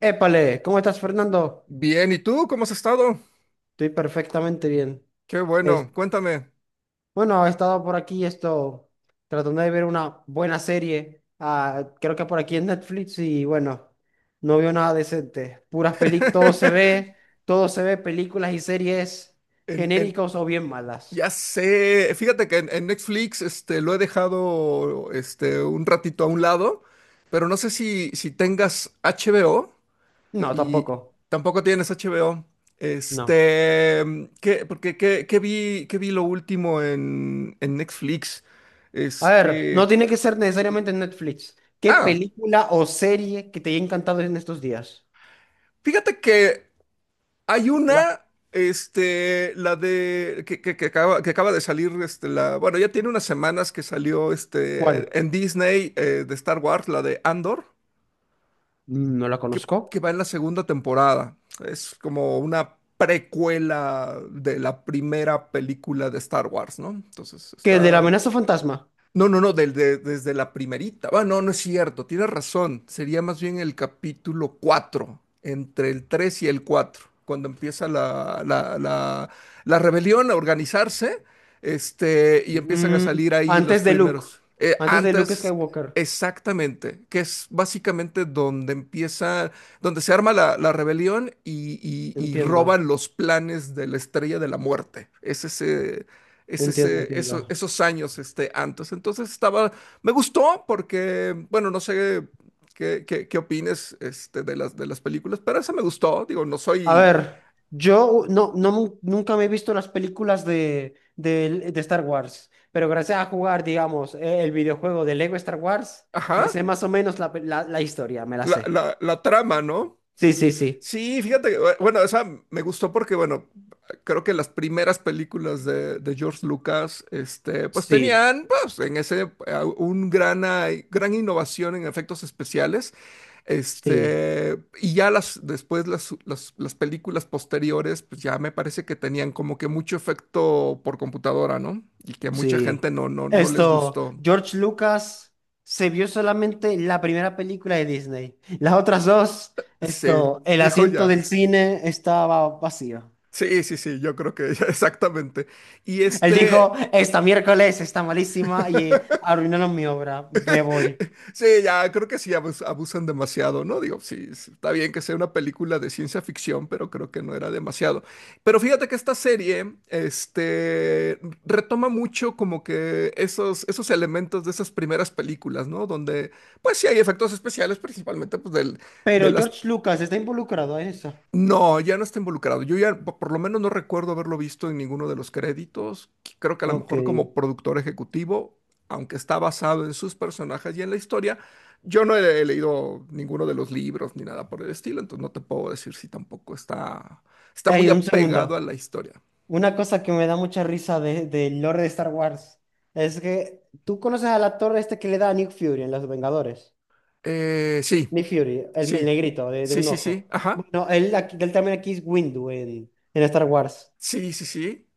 Épale, ¿cómo estás, Fernando? Bien, ¿y tú cómo has estado? Estoy perfectamente bien. Qué Es, bueno, cuéntame. bueno, he estado por aquí esto tratando de ver una buena serie. Creo que por aquí en Netflix y bueno, no veo nada decente. Puras películas, todo se ve, películas y series En, en- genéricos o bien malas. ya sé, fíjate que en Netflix lo he dejado un ratito a un lado, pero no sé si tengas HBO. No, Y tampoco. tampoco tienes HBO. No. ¿Qué, porque, qué vi lo último en Netflix? A ver, no Este, tiene que ser necesariamente en Netflix. ¿Qué ah, película o serie que te haya encantado en estos días? Fíjate que hay La- una, la de, que acaba de salir, la, bueno, ya tiene unas semanas que salió, ¿Cuál? en Disney, de Star Wars, la de Andor, No la conozco. que va en la segunda temporada. Es como una precuela de la primera película de Star Wars, ¿no? Entonces, ¿Qué de la está, amenaza fantasma? no, no, no, desde la primerita. Ah, no, no es cierto, tienes razón. Sería más bien el capítulo 4, entre el 3 y el 4, cuando empieza la rebelión a organizarse, y empiezan a Mm, salir ahí los Antes de Luke. primeros. Antes de Luke Antes, Skywalker. exactamente, que es básicamente donde empieza, donde se arma la, la rebelión y, y roban Entiendo, los planes de la Estrella de la Muerte. Es ese entiendo, entiendo. esos años antes. Entonces estaba, me gustó porque, bueno, no sé qué, qué opines de las películas, pero esa me gustó, digo, no A soy, ver, yo no, no, nunca me he visto las películas de Star Wars, pero gracias a jugar, digamos, el videojuego de Lego Star Wars, me ajá, sé más o menos la historia, me la la, sé. la, la trama, ¿no? Sí, sí, sí. Sí, fíjate, que, bueno, esa me gustó porque, bueno, creo que las primeras películas de George Lucas, pues Sí, tenían, pues, en ese, un gran, gran innovación en efectos especiales. sí. Y ya las, después las películas posteriores, pues ya me parece que tenían como que mucho efecto por computadora, ¿no? Y que a mucha gente Sí. no, no, no les Esto, gustó. George Lucas se vio solamente la primera película de Disney. Las otras dos, Sí, esto, el dijo asiento ya. del cine estaba vacío. Sí, sí, sí, yo creo que ya, exactamente. Y Él dijo, este, esta miércoles está malísima y arruinaron mi obra, me voy. Sí, ya creo que sí abusan demasiado, ¿no? Digo, sí, sí, está bien que sea una película de ciencia ficción, pero creo que no era demasiado. Pero fíjate que esta serie, retoma mucho como que esos, esos elementos de esas primeras películas, ¿no? Donde, pues sí hay efectos especiales, principalmente pues, del- de Pero las George Lucas está involucrado en eso. no, ya no está involucrado. Yo ya por lo menos no recuerdo haberlo visto en ninguno de los créditos. Creo que a lo Ok. mejor como productor ejecutivo, aunque está basado en sus personajes y en la historia, yo no he, he leído ninguno de los libros ni nada por el estilo, entonces no te puedo decir si tampoco está, está Ey, muy un apegado a segundo. la historia. Una cosa que me da mucha risa de, del lore de Star Wars es que tú conoces al actor este que le da a Nick Fury en Los Vengadores. Sí, Nick Fury, el sí, negrito de sí, un sí, sí, ojo. ajá, Bueno, él también aquí es Windu en Star Wars. sí, sí, sí.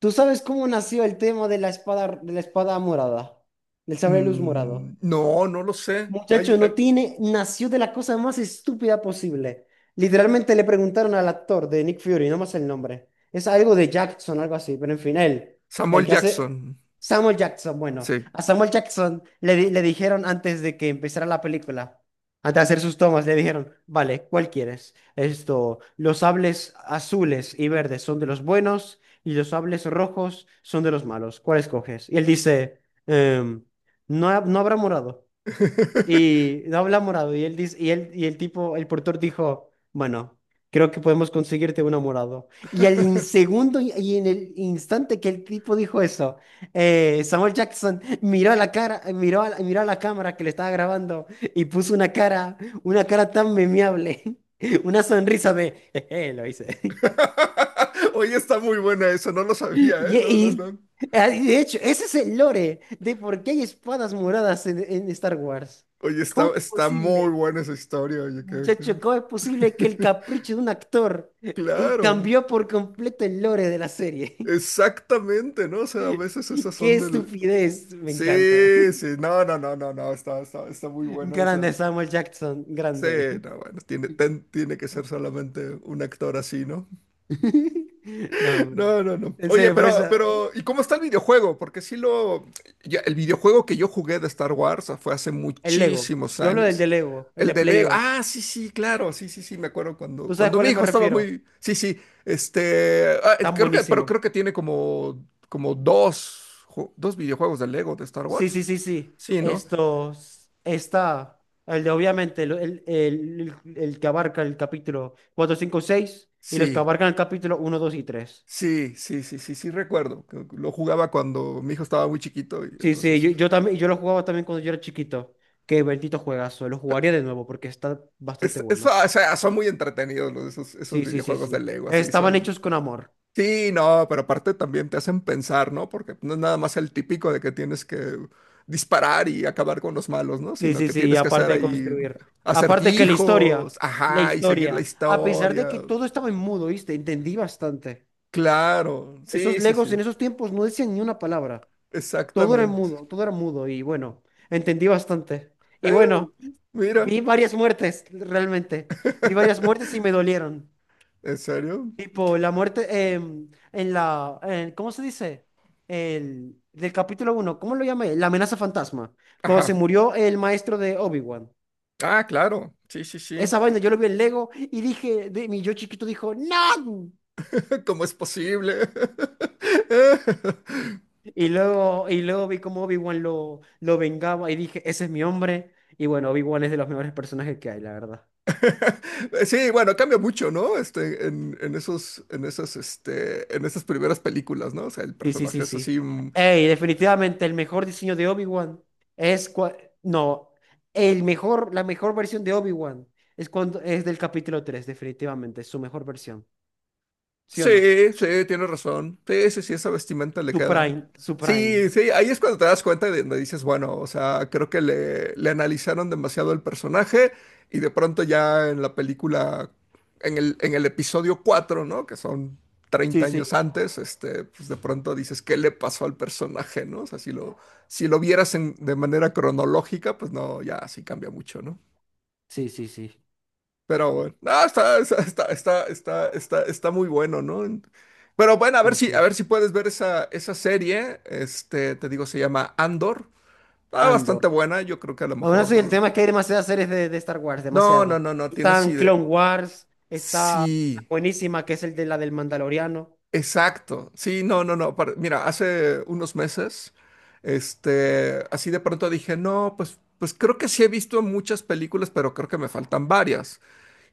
¿Tú sabes cómo nació el tema de la espada morada? Del sable luz morado. Mm, no, no lo sé. Ay, Muchacho, no ay, tiene, nació de la cosa más estúpida posible. Literalmente le preguntaron al actor de Nick Fury, no más el nombre. Es algo de Jackson, algo así, pero en fin, Samuel el que hace Jackson, Samuel Jackson. Bueno, sí. a Samuel Jackson le dijeron antes de que empezara la película, antes de hacer sus tomas, le dijeron, vale, ¿cuál quieres? Esto, los sables azules y verdes son de los buenos y los sables rojos son de los malos. ¿Cuál escoges? Y él dice, em, no, no habrá morado. Y no habla morado. Y él dice, y el tipo, el portor dijo, bueno, creo que podemos conseguirte uno morado. Y segundo y en el instante que el tipo dijo eso, Samuel Jackson miró a la cara, miró a la cámara que le estaba grabando y puso una cara tan memeable, una sonrisa de, "Jeje, lo hice. Oye, está muy buena eso, no lo Y, sabía, ¿eh? No, no, y- no. y de hecho, ese es el lore de por qué hay espadas moradas en Star Wars. Oye, está, ¿Cómo es está muy posible? buena esa historia, oye, Muchacho, ¿cómo es posible que el capricho de un actor Claro, cambió por completo el lore de la serie? exactamente, ¿no? O sea, a veces esas ¡Qué son del... estupidez! Me encanta. Sí, sí, no, no, no, no, no, está, está, está muy buena Grande esa. Samuel Jackson, Sí, grande. no, bueno, tiene, tiene que ser solamente un actor así, ¿no? No, hombre. No, no, no. En Oye, serio, por eso, pero, ¿y cómo está el videojuego? Porque sí lo, el videojuego que yo jugué de Star Wars fue hace el Lego. muchísimos Yo hablo del años. de Lego, el El de de Play Lego. 2. Ah, sí, sí, claro, sí, sí, sí, me acuerdo cuando, ¿Tú sabes a cuando mi cuáles me hijo estaba refiero? muy, sí, sí, Tan creo que, pero buenísimos. creo que tiene como, como dos, dos videojuegos de Lego de Star Sí, sí, Wars. sí, sí. Sí, ¿no? Estos, está, el de obviamente, el que abarca el capítulo 4, 5, 6 y los que Sí, abarcan el capítulo uno, 2 y 3. sí, sí, sí, sí, sí, recuerdo que lo jugaba cuando mi hijo estaba muy chiquito. Y Sí, sí, entonces yo también, yo lo jugaba también cuando yo era chiquito. Qué bendito juegazo, lo jugaría de nuevo porque está bastante bueno. o sea, son muy entretenidos los, esos, esos Sí, sí, sí, videojuegos de sí. Lego, así Estaban son. hechos con amor. Sí, no, pero aparte también te hacen pensar, ¿no? Porque no es nada más el típico de que tienes que disparar y acabar con los malos, ¿no? Sí, Sino sí, que sí, y tienes que hacer aparte de ahí construir. Aparte que acertijos, la ajá, y seguir la historia, a pesar de historia. que todo estaba en mudo, ¿viste? Entendí bastante. Claro, sí, Esos sí, Legos sí, en esos tiempos no decían ni una palabra. Todo era en exactamente. mudo, todo era mudo y bueno, entendí bastante. Y Eh, bueno, Mira, vi varias muertes, realmente. Vi varias muertes y me dolieron. ¿en serio? Tipo, la muerte en la, ¿cómo se dice? Del capítulo uno, ¿cómo lo llamé? La amenaza fantasma. Cuando se Ajá. murió el maestro de Obi-Wan. Ah, claro. Sí, sí, sí. Esa vaina yo lo vi en Lego y dije, mi yo chiquito dijo, ¡No! ¿Cómo es posible? Y luego vi cómo Obi-Wan lo vengaba y dije, ese es mi hombre. Y bueno, Obi-Wan es de los mejores personajes que hay, la verdad. Sí, bueno, cambia mucho, ¿no? En esos, en esas, en esas primeras películas, ¿no? O sea, el Sí, sí, personaje sí, es así. sí. Ey, definitivamente el mejor diseño de Obi-Wan es no, la mejor versión de Obi-Wan es cuando es del capítulo 3 definitivamente, es su mejor versión. ¿Sí o no? Sí, sí, tiene razón. Sí, sí, sí, esa vestimenta le Su queda. prime, su Sí, prime. sí, ahí es cuando te das cuenta de donde dices, bueno, o sea, creo que le analizaron demasiado el personaje. Y de pronto ya en la película, en el episodio 4, ¿no? Que son treinta Sí, sí. años antes, pues de pronto dices, ¿qué le pasó al personaje, ¿no? O sea, si lo, si lo vieras de manera cronológica, pues no, ya sí cambia mucho, ¿no? Sí, sí, sí. Pero bueno, no, está, está, está, está, está, está, está muy bueno, ¿no? Pero bueno, Sí, a sí. ver si puedes ver esa, esa serie. Te digo, se llama Andor. Está bastante Andor. buena. Yo creo que a lo Aún así, el mejor. tema es que hay demasiadas series de Star Wars, No, no, demasiadas. no, no, tienes Están idea. Clone Wars, está Sí, buenísima, que es el de la del Mandaloriano. exacto. Sí, no, no, no. Mira, hace unos meses, así de pronto dije, no, pues, pues creo que sí he visto muchas películas, pero creo que me faltan varias.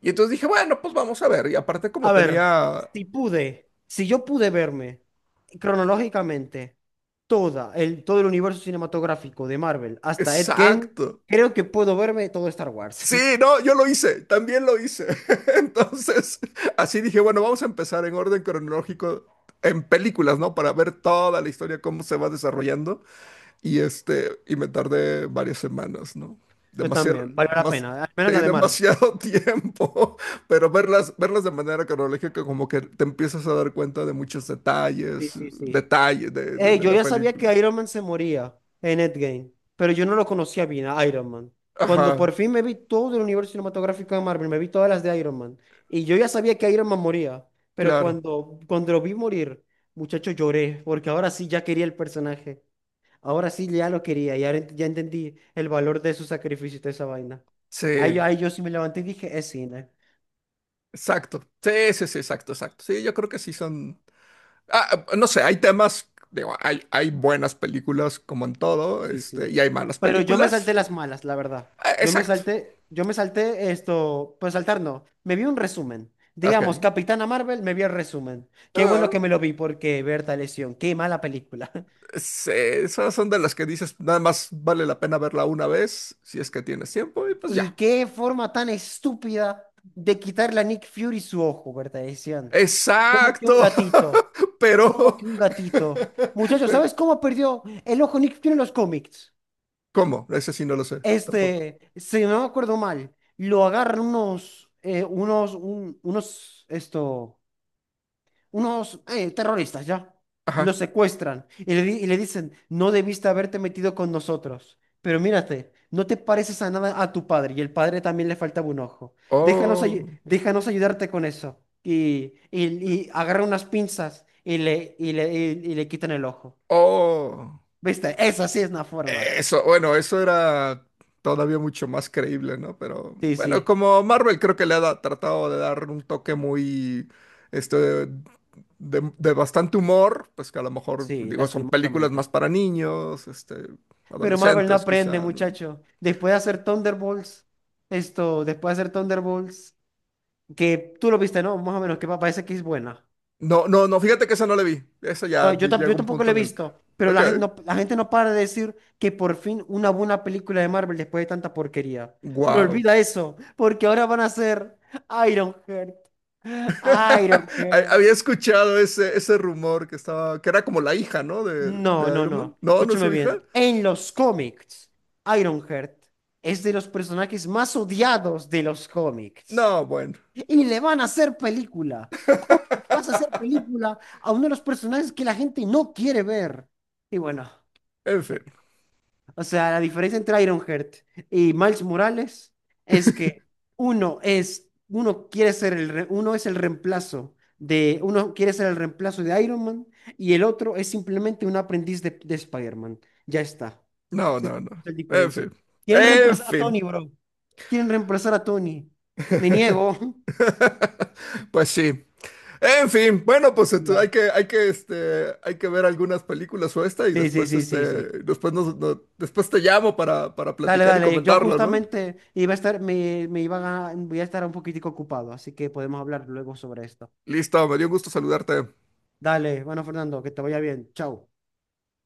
Y entonces dije, bueno, pues vamos a ver. Y aparte, como A ver, tenía si yo pude verme cronológicamente todo el universo cinematográfico de Marvel hasta Endgame, exacto. creo que puedo verme todo Star Wars. Sí, no, yo lo hice, también lo hice. Entonces, así dije, bueno, vamos a empezar en orden cronológico en películas, ¿no? Para ver toda la historia, cómo se va desarrollando. Y me tardé varias semanas, ¿no? Yo Demasiado, también, vale la demas- pena, al menos la sí, de Marvel. demasiado tiempo. Pero verlas, verlas de manera cronológica, como que te empiezas a dar cuenta de muchos Sí, detalles, sí, sí. detalles de, de Yo la ya sabía película. que Iron Man se moría en Endgame, pero yo no lo conocía bien a Iron Man. Cuando Ajá, por fin me vi todo el universo cinematográfico de Marvel, me vi todas las de Iron Man, y yo ya sabía que Iron Man moría, pero claro. cuando lo vi morir, muchacho, lloré, porque ahora sí ya quería el personaje. Ahora sí ya lo quería, y ahora ya entendí el valor de su sacrificio y de esa vaina. Ahí, Sí. ahí yo sí me levanté y dije, es cine. Exacto. Sí, sí, sí, exacto, exacto. Sí, yo creo que sí son. Ah, no sé, hay temas, digo, hay buenas películas como en todo, Sí, sí. y hay malas Pero yo me películas. salté las malas, la verdad. Ah, exacto. Yo me salté esto, pues saltar no. Me vi un resumen. Digamos, Ok. Capitana Marvel, me vi el resumen. Qué Ah, bueno que me lo vi porque Berta lesión, qué mala película. sí, esas son de las que dices, nada más vale la pena verla una vez, si es que tienes tiempo, y pues Y ya. qué forma tan estúpida de quitarle a Nick Fury su ojo, Berta lesión. ¿Como que un Exacto. gatito? ¿Como Pero, que un gatito? Muchachos, pero, ¿sabes cómo perdió el ojo Nick Fury en los cómics? ¿cómo? Ese sí no lo sé, tampoco. Este, si no me acuerdo mal, lo agarran unos, unos, un- unos, esto, unos terroristas, ¿ya? Lo Ajá. secuestran y le dicen, no debiste haberte metido con nosotros, pero mírate, no te pareces a nada a tu padre y el padre también le faltaba un ojo. Déjanos, ayu- Oh, déjanos ayudarte con eso. Y agarra unas pinzas y le quitan el ojo. oh. ¿Viste? Esa sí es una forma. Eso, bueno, eso era todavía mucho más creíble, ¿no? Pero Sí, bueno, sí, como Marvel creo que le ha tratado de dar un toque muy, este, de bastante humor, pues que a lo mejor, sí, digo, son películas más lastimosamente. para niños, Pero Marvel no adolescentes aprende, quizá, ¿no? muchacho. Después de hacer Thunderbolts, que tú lo viste, ¿no? Más o menos, que parece que es buena. No, no, no, fíjate que esa no la vi. Esa ya Bueno, yo, tam- llega yo un tampoco punto la he en el... visto, pero Ok, la gente no para de decir que por fin una buena película de Marvel después de tanta porquería. Pero wow. olvida eso, porque ahora van a hacer Ironheart. Ironheart. Había escuchado ese, ese rumor que estaba, que era como la hija, ¿no? No, De no, Iron Man. no. No, no es Escúchame su hija. bien. En los cómics, Ironheart es de los personajes más odiados de los cómics. No, bueno. Y le van a hacer película. ¿Cómo vas a hacer película a uno de los personajes que la gente no quiere ver? Y bueno, En fin. o sea, la diferencia entre Ironheart y Miles Morales es que uno es, uno quiere ser uno es el reemplazo de, uno quiere ser el reemplazo de Iron Man y el otro es simplemente un aprendiz de Spider-Man. Ya está. No, Esa es no, no. la En diferencia. fin. Quieren En reemplazar a Tony, fin. bro. Quieren reemplazar a Tony. Me niego. Pues sí. En fin, bueno, pues hay Ya. que, hay que, hay que ver algunas películas o esta y Sí, sí, después, sí, sí, sí. después nos, después te llamo para Dale, platicar y dale. Yo comentarlo, ¿no? justamente iba a estar, me iba a, voy a estar un poquitico ocupado, así que podemos hablar luego sobre esto. Listo, me dio gusto saludarte. Dale, bueno, Fernando, que te vaya bien. Chao.